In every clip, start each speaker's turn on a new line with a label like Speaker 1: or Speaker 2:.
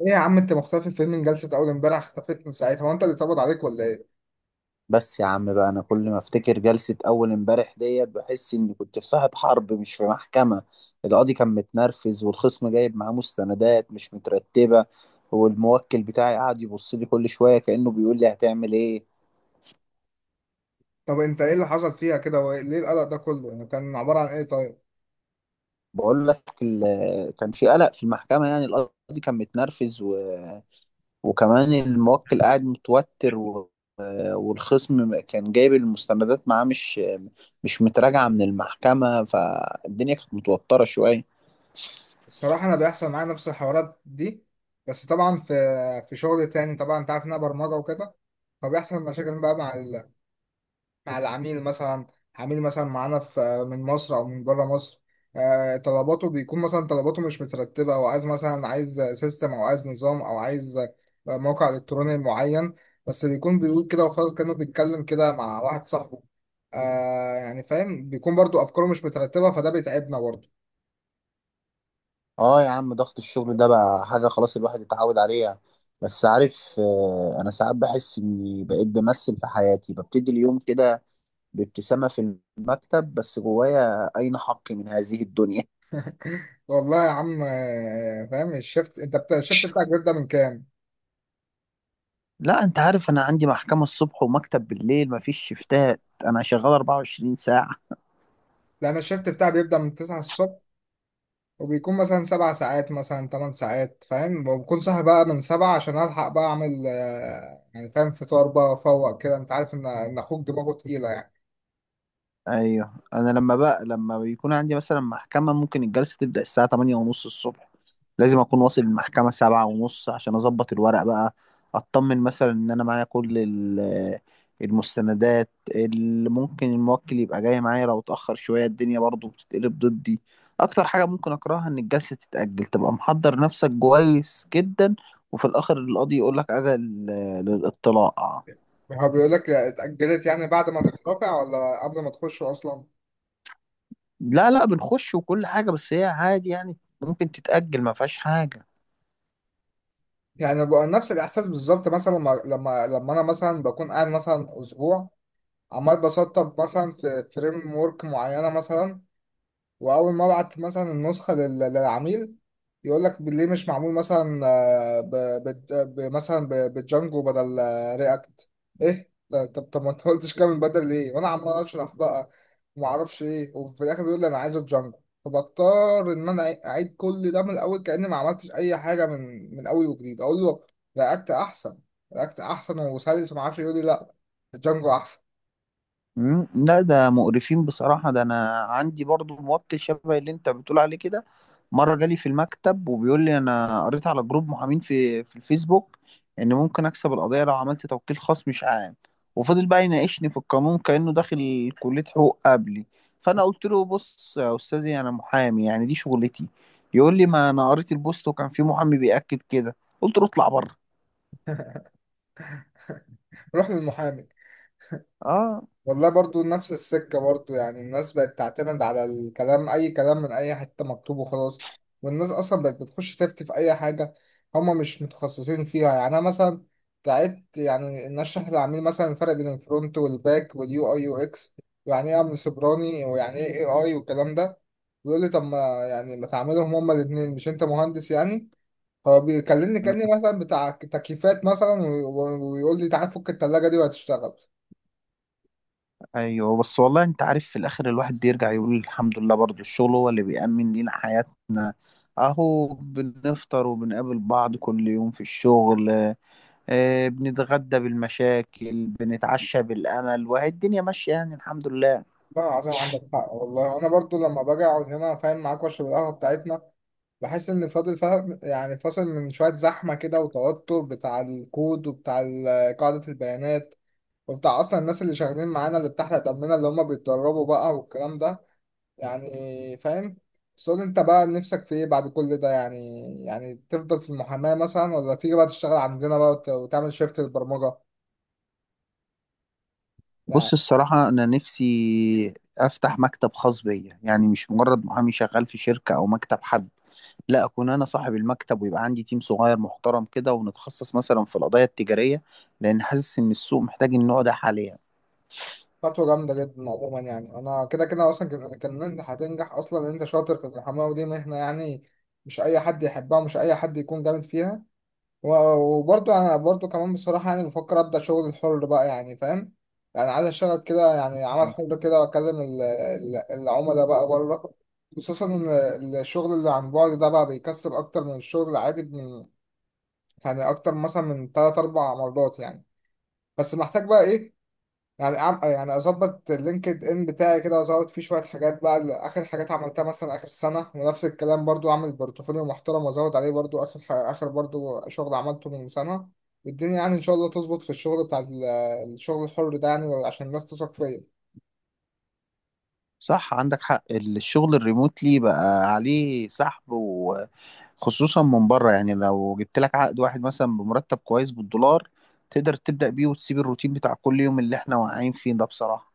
Speaker 1: ايه يا عم انت مختفي فين من جلسة اول امبارح اختفيت من ساعتها هو انت اللي اتقبض عليك ولا ايه؟
Speaker 2: بس يا عم بقى، انا كل ما افتكر جلسة اول امبارح ديت بحس اني كنت في ساحة حرب مش في محكمة. القاضي كان متنرفز، والخصم جايب معاه مستندات مش مترتبة، والموكل بتاعي قاعد يبص لي كل شوية كأنه بيقول لي هتعمل ايه.
Speaker 1: طب انت ايه اللي حصل فيها كده وليه القلق ده كله؟ يعني كان عبارة عن ايه طيب؟
Speaker 2: بقول لك كان في قلق في المحكمة، يعني القاضي كان متنرفز و... وكمان الموكل قاعد متوتر و... والخصم كان جايب المستندات معاه مش متراجعة من المحكمة، فالدنيا كانت متوترة شوية.
Speaker 1: الصراحة انا بيحصل معايا نفس الحوارات دي بس طبعا في شغل تاني طبعا انت عارف ان انا برمجة وكده فبيحصل مشاكل بقى مع العميل مثلا عميل مثلا معانا في من مصر او من بره مصر. طلباته بيكون مثلا طلباته مش مترتبه او عايز مثلا عايز سيستم او عايز نظام او عايز موقع الكتروني معين. بس بيكون بيقول كده وخلاص كانه بيتكلم كده مع واحد صاحبه. آه يعني فاهم، بيكون برضو افكاره مش مترتبه فده بيتعبنا برضو.
Speaker 2: اه يا عم، ضغط الشغل ده بقى حاجة خلاص الواحد اتعود عليها. بس عارف، انا ساعات بحس اني بقيت بمثل في حياتي، ببتدي اليوم كده بابتسامة في المكتب، بس جوايا اين حقي من هذه الدنيا.
Speaker 1: والله يا عم، فاهم. الشفت انت الشفت بتاعك بيبدأ من كام؟
Speaker 2: لا انت عارف، انا عندي محكمة الصبح ومكتب بالليل، مفيش شفتات، انا شغال 24 ساعة.
Speaker 1: لا انا الشفت بتاعي بيبدأ من 9 الصبح، وبيكون مثلا 7 ساعات مثلا 8 ساعات فاهم، وبكون صاحي بقى من 7 عشان ألحق بقى أعمل يعني فاهم فطار بقى أفوق كده. أنت عارف إن أخوك دماغه تقيلة يعني.
Speaker 2: ايوه انا لما بيكون عندي مثلا محكمة، ممكن الجلسة تبدأ الساعة 8 ونص الصبح. لازم اكون واصل المحكمة 7 ونص عشان اظبط الورق بقى، اطمن مثلا ان انا معايا كل المستندات، اللي ممكن الموكل يبقى جاي معايا. لو اتأخر شوية الدنيا برضو بتتقلب ضدي. اكتر حاجة ممكن اكرهها ان الجلسة تتأجل، تبقى محضر نفسك كويس جدا، وفي الاخر القاضي يقولك اجل للاطلاع.
Speaker 1: هو بيقول لك اتأجلت يعني بعد ما تترافع ولا قبل ما تخش أصلا؟
Speaker 2: لا لا، بنخش وكل حاجة، بس هي عادي يعني ممكن تتأجل، ما فيهاش حاجة.
Speaker 1: يعني بقى نفس الإحساس بالظبط مثلا لما أنا مثلا بكون قاعد مثلا أسبوع عمال بسطب مثلا في فريم ورك معينة مثلا، واول ما ابعت مثلا النسخه للعميل يقول لك ليه مش معمول مثلا آه، ب... بت- ب... مثلا ب... بجانجو بدل رياكت. طب ما انت قلتش كده من بدري ليه وانا عمال اشرح بقى وما اعرفش ايه، وفي الاخر بيقول لي انا عايزه بجانجو. فبضطر ان انا اعيد كل ده من الاول كاني ما عملتش اي حاجه من اول وجديد اقول له رياكت احسن. رياكت احسن وسلس، وما اعرفش يقول لي لا، جانجو احسن.
Speaker 2: مم، لا ده مقرفين بصراحة. ده أنا عندي برضو موبت شبه اللي أنت بتقول عليه كده. مرة جالي في المكتب وبيقول لي أنا قريت على جروب محامين في الفيسبوك، إن ممكن أكسب القضية لو عملت توكيل خاص مش عام. وفضل بقى يناقشني في القانون كأنه داخل كلية حقوق قبلي. فأنا قلت له بص يا أستاذي، أنا محامي يعني دي شغلتي. يقول لي ما أنا قريت البوست وكان في محامي بيأكد كده. قلت له اطلع بره.
Speaker 1: روح للمحامي.
Speaker 2: اه.
Speaker 1: والله برضو نفس السكة برضو، يعني الناس بقت تعتمد على الكلام، أي كلام من أي حتة مكتوب وخلاص. والناس أصلا بقت بتخش تفتي في أي حاجة هما مش متخصصين فيها. يعني أنا مثلا تعبت يعني إن أشرح للعميل مثلا الفرق بين الفرونت والباك واليو أي يو إكس، ويعني إيه أمن سيبراني ويعني إيه إي آي والكلام ده. ويقول لي طب ما، يعني ما تعملهم هما الاتنين، مش أنت مهندس يعني؟ هو بيكلمني
Speaker 2: مم.
Speaker 1: كأني مثلا بتاع تكييفات مثلا ويقول لي تعال فك التلاجة دي وهتشتغل.
Speaker 2: ايوه بس، والله انت عارف في الاخر الواحد بيرجع يقول الحمد لله، برضو الشغل هو اللي بيأمن لينا حياتنا، اهو بنفطر وبنقابل بعض كل يوم في الشغل. آه، بنتغدى بالمشاكل، بنتعشى بالامل، وهي الدنيا ماشية يعني الحمد لله.
Speaker 1: لا عظيم، عندك حق والله. انا برضو لما باجي اقعد هنا فاهم معاك واشرب القهوه بتاعتنا بحس ان فاضل فاهم يعني فاصل من شويه زحمه كده وتوتر بتاع الكود وبتاع قاعده البيانات وبتاع اصلا الناس اللي شغالين معانا اللي بتحرق دمنا اللي هم بيتدربوا بقى والكلام ده، يعني فاهم. بس قول انت بقى نفسك في ايه بعد كل ده يعني؟ يعني تفضل في المحاماه مثلا، ولا تيجي بقى تشتغل عندنا بقى وتعمل شيفت للبرمجه؟
Speaker 2: بص الصراحة انا نفسي افتح مكتب خاص بيا، يعني مش مجرد محامي شغال في شركة او مكتب حد، لا اكون انا صاحب المكتب، ويبقى عندي تيم صغير محترم كده، ونتخصص مثلا في القضايا التجارية، لان حاسس ان السوق محتاج النوع ده حاليا.
Speaker 1: خطوة جامدة جدا عموما. يعني أنا كده كده أصلا كان يعني كان إن أنت هتنجح أصلا، إن أنت شاطر في المحاماة، ودي مهنة يعني مش أي حد يحبها ومش أي حد يكون جامد فيها. و- وبرضه أنا برضه كمان بصراحة يعني بفكر أبدأ شغل الحر بقى، يعني فاهم، يعني عايز أشتغل كده يعني عمل
Speaker 2: آه.
Speaker 1: حر كده وأكلم العملاء بقى بره. خصوصا إن الشغل اللي عن بعد ده بقى بيكسب أكتر من الشغل العادي، من يعني أكتر مثلا من 3 4 مرات يعني. بس محتاج بقى إيه، يعني يعني اظبط اللينكد ان بتاعي كده وازود فيه شويه حاجات بقى اخر حاجات عملتها مثلا اخر سنه، ونفس الكلام برضو اعمل بورتفوليو محترم وازود عليه برضو اخر برضو شغل عملته من سنه. والدنيا يعني ان شاء الله تظبط في الشغل بتاع الشغل الحر ده يعني، عشان الناس تثق فيا.
Speaker 2: صح، عندك حق، الشغل الريموتلي بقى عليه سحب، وخصوصا من بره. يعني لو جبت لك عقد واحد مثلا بمرتب كويس بالدولار، تقدر تبدأ بيه وتسيب الروتين بتاع كل يوم اللي احنا واقعين فيه ده بصراحة.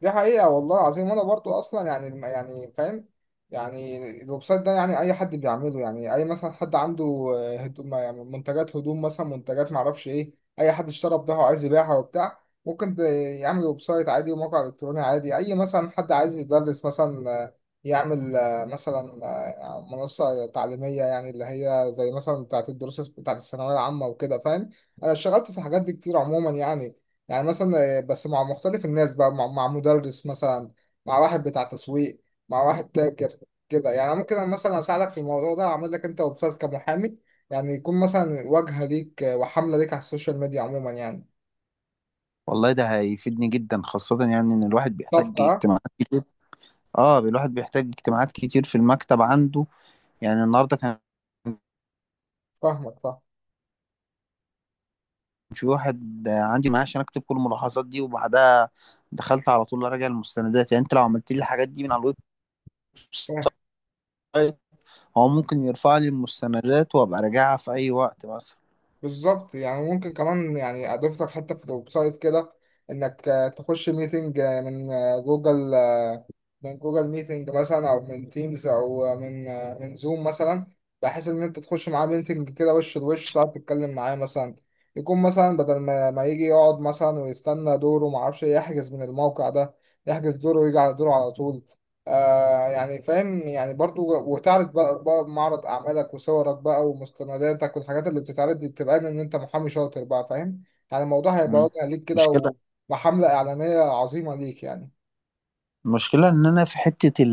Speaker 1: دي حقيقة والله العظيم. وأنا برضو أصلا يعني يعني فاهم، يعني الويب سايت ده يعني أي حد بيعمله، يعني أي مثلا حد عنده هدوم يعني منتجات هدوم مثلا، منتجات معرفش إيه، أي حد اشترى بضاعة وعايز يبيعها وبتاع، ممكن يعمل ويب سايت عادي وموقع إلكتروني عادي. أي مثلا حد عايز يدرس مثلا يعمل مثلا منصة تعليمية، يعني اللي هي زي مثلا بتاعة الدروس بتاعة الثانوية العامة وكده فاهم. أنا اشتغلت في الحاجات دي كتير عموما يعني، يعني مثلا بس مع مختلف الناس بقى، مع مدرس مثلا، مع واحد بتاع تسويق، مع واحد تاجر، كده يعني. ممكن أنا مثلا اساعدك في الموضوع ده، اعمل لك انت ويب سايت كمحامي، يعني يكون مثلا واجهه ليك وحمله ليك على السوشيال ميديا عموما يعني.
Speaker 2: والله ده هيفيدني جدا، خاصة يعني ان الواحد بيحتاج
Speaker 1: صفقه آه؟
Speaker 2: اجتماعات كتير. اه الواحد بيحتاج اجتماعات كتير في المكتب عنده. يعني النهارده كان
Speaker 1: فاهمك فاهم.
Speaker 2: في واحد عندي معاه عشان اكتب كل الملاحظات دي، وبعدها دخلت على طول اراجع المستندات. يعني انت لو عملت لي الحاجات دي من على الويب
Speaker 1: فاهم.
Speaker 2: سايت، هو ممكن يرفع لي المستندات، وابقى راجعها في اي وقت مثلا.
Speaker 1: بالظبط، يعني ممكن كمان يعني اضيف لك حته في الويب سايت كده انك تخش ميتنج من جوجل، من جوجل ميتنج مثلا او من تيمز او من زوم مثلا، بحيث ان انت تخش معاه ميتنج كده وش لوش تعرف تتكلم معاه مثلا. يكون مثلا بدل ما يجي يقعد مثلا ويستنى دوره ما اعرفش يحجز من الموقع ده، يحجز دوره ويجي على دوره على طول. آه يعني فاهم يعني برضو، وتعرض بقى معرض اعمالك وصورك بقى ومستنداتك، والحاجات اللي بتتعرض دي بتبقى ان انت محامي شاطر بقى فاهم، يعني الموضوع هيبقى
Speaker 2: مم.
Speaker 1: واضح ليك
Speaker 2: مشكلة.
Speaker 1: كده. وحملة اعلانية عظيمة ليك يعني.
Speaker 2: المشكلة ان انا في حتة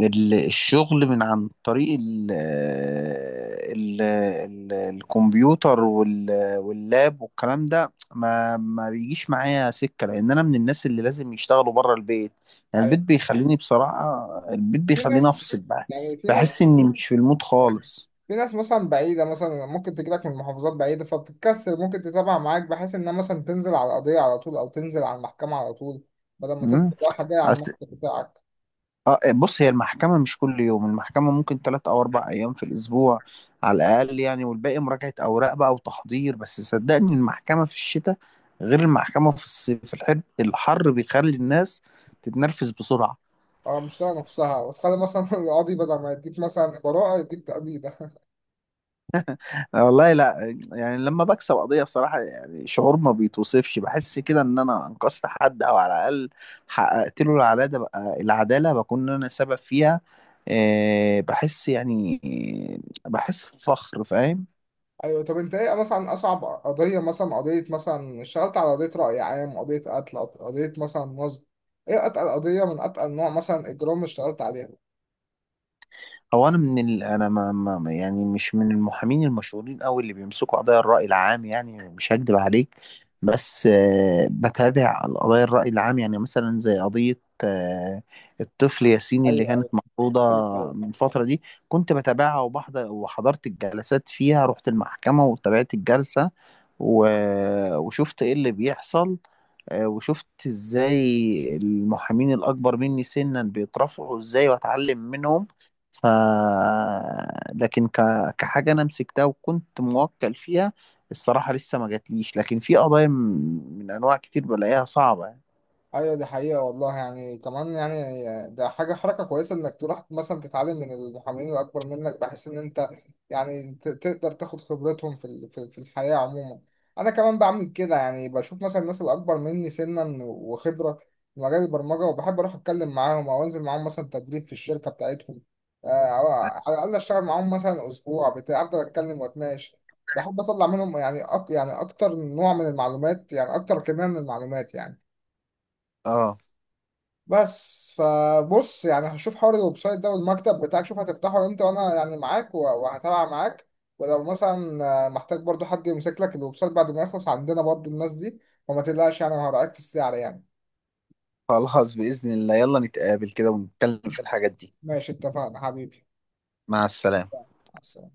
Speaker 2: الشغل من عن طريق ال الكمبيوتر واللاب والكلام ده ما بيجيش معايا سكة، لأن أنا من الناس اللي لازم يشتغلوا بره البيت. يعني البيت
Speaker 1: أيوة.
Speaker 2: بيخليني بصراحة، البيت
Speaker 1: في
Speaker 2: بيخليني
Speaker 1: ناس
Speaker 2: أفصل بقى،
Speaker 1: يعني في ناس
Speaker 2: بحس إني مش في المود خالص.
Speaker 1: في ناس مثلا بعيدة مثلا ممكن تجيلك من محافظات بعيدة فبتتكسر، ممكن تتابع معاك بحيث إنها مثلا تنزل على القضية على طول، أو تنزل على المحكمة على طول، بدل ما تفضل
Speaker 2: مم.
Speaker 1: رايحة جاية على المكتب بتاعك.
Speaker 2: اه، بص هي المحكمة مش كل يوم، المحكمة ممكن تلات أو أربع أيام في الأسبوع على الأقل يعني، والباقي مراجعة أوراق بقى وتحضير. بس صدقني المحكمة في الشتاء غير المحكمة في الصيف، الحر الحر بيخلي الناس تتنرفز بسرعة.
Speaker 1: أه مش طايقة نفسها، وتخلي مثلا القاضي بدل ما يديك مثلا براءة يديك تأبيدة.
Speaker 2: أنا والله لا يعني لما بكسب قضية بصراحة، يعني شعور ما بيتوصفش، بحس كده إن أنا أنقذت حد، أو على الأقل حققت له العدالة بقى، العدالة بكون أنا سبب فيها. بحس يعني، بحس بفخر فاهم.
Speaker 1: أيوة. طب أنت إيه مثلا أصعب قضية، مثلا قضية مثلا اشتغلت على قضية رأي عام، قضية قتل، قضية مثلا نصب، إيه أتقل قضية من أتقل نوع مثلا إجرام اشتغلت عليها؟
Speaker 2: هو انا من ال... انا ما... ما ما- يعني مش من المحامين المشهورين قوي اللي بيمسكوا قضايا الرأي العام، يعني مش هكدب عليك. بس بتابع قضايا الرأي العام، يعني مثلا زي قضية الطفل ياسين اللي
Speaker 1: أيوه.
Speaker 2: كانت
Speaker 1: أيوه.
Speaker 2: مفروضة
Speaker 1: أيوه.
Speaker 2: من فترة دي. كنت بتابعها وبحضر، وحضرت الجلسات فيها، رحت المحكمة وتابعت الجلسة و... وشفت ايه اللي بيحصل. وشفت ازاي المحامين الاكبر مني سنا بيترفعوا ازاي، واتعلم منهم. ف لكن كحاجه انا مسكتها وكنت موكل فيها، الصراحه لسه ما جاتليش. لكن في قضايا من انواع كتير بلاقيها صعبه يعني.
Speaker 1: ايوه دي حقيقة والله. يعني كمان يعني ده حاجة حركة كويسة انك تروح مثلا تتعلم من المحامين الاكبر منك، بحيث ان انت يعني تقدر تاخد خبرتهم في في الحياة عموما. انا كمان بعمل كده، يعني بشوف مثلا الناس الاكبر مني سنا وخبرة في مجال البرمجة، وبحب اروح اتكلم معاهم او انزل معاهم مثلا تدريب في الشركة بتاعتهم، او على الاقل اشتغل معاهم مثلا اسبوع بتاع، افضل اتكلم واتناقش. بحب اطلع منهم يعني يعني اكتر نوع من المعلومات يعني اكتر كمية من المعلومات يعني.
Speaker 2: اه.
Speaker 1: بس فبص يعني هشوف حوار الويب سايت ده والمكتب بتاعك، شوف هتفتحه امتى وانا يعني معاك وهتابع معاك. ولو مثلا محتاج برضو حد يمسك لك الويب سايت بعد ما يخلص عندنا برضو الناس دي، وما تقلقش يعني وهراعيك في السعر يعني.
Speaker 2: خلاص بإذن الله، يلا نتقابل كده ونتكلم في الحاجات دي.
Speaker 1: ماشي، اتفقنا حبيبي.
Speaker 2: مع السلامة.
Speaker 1: مع السلامة.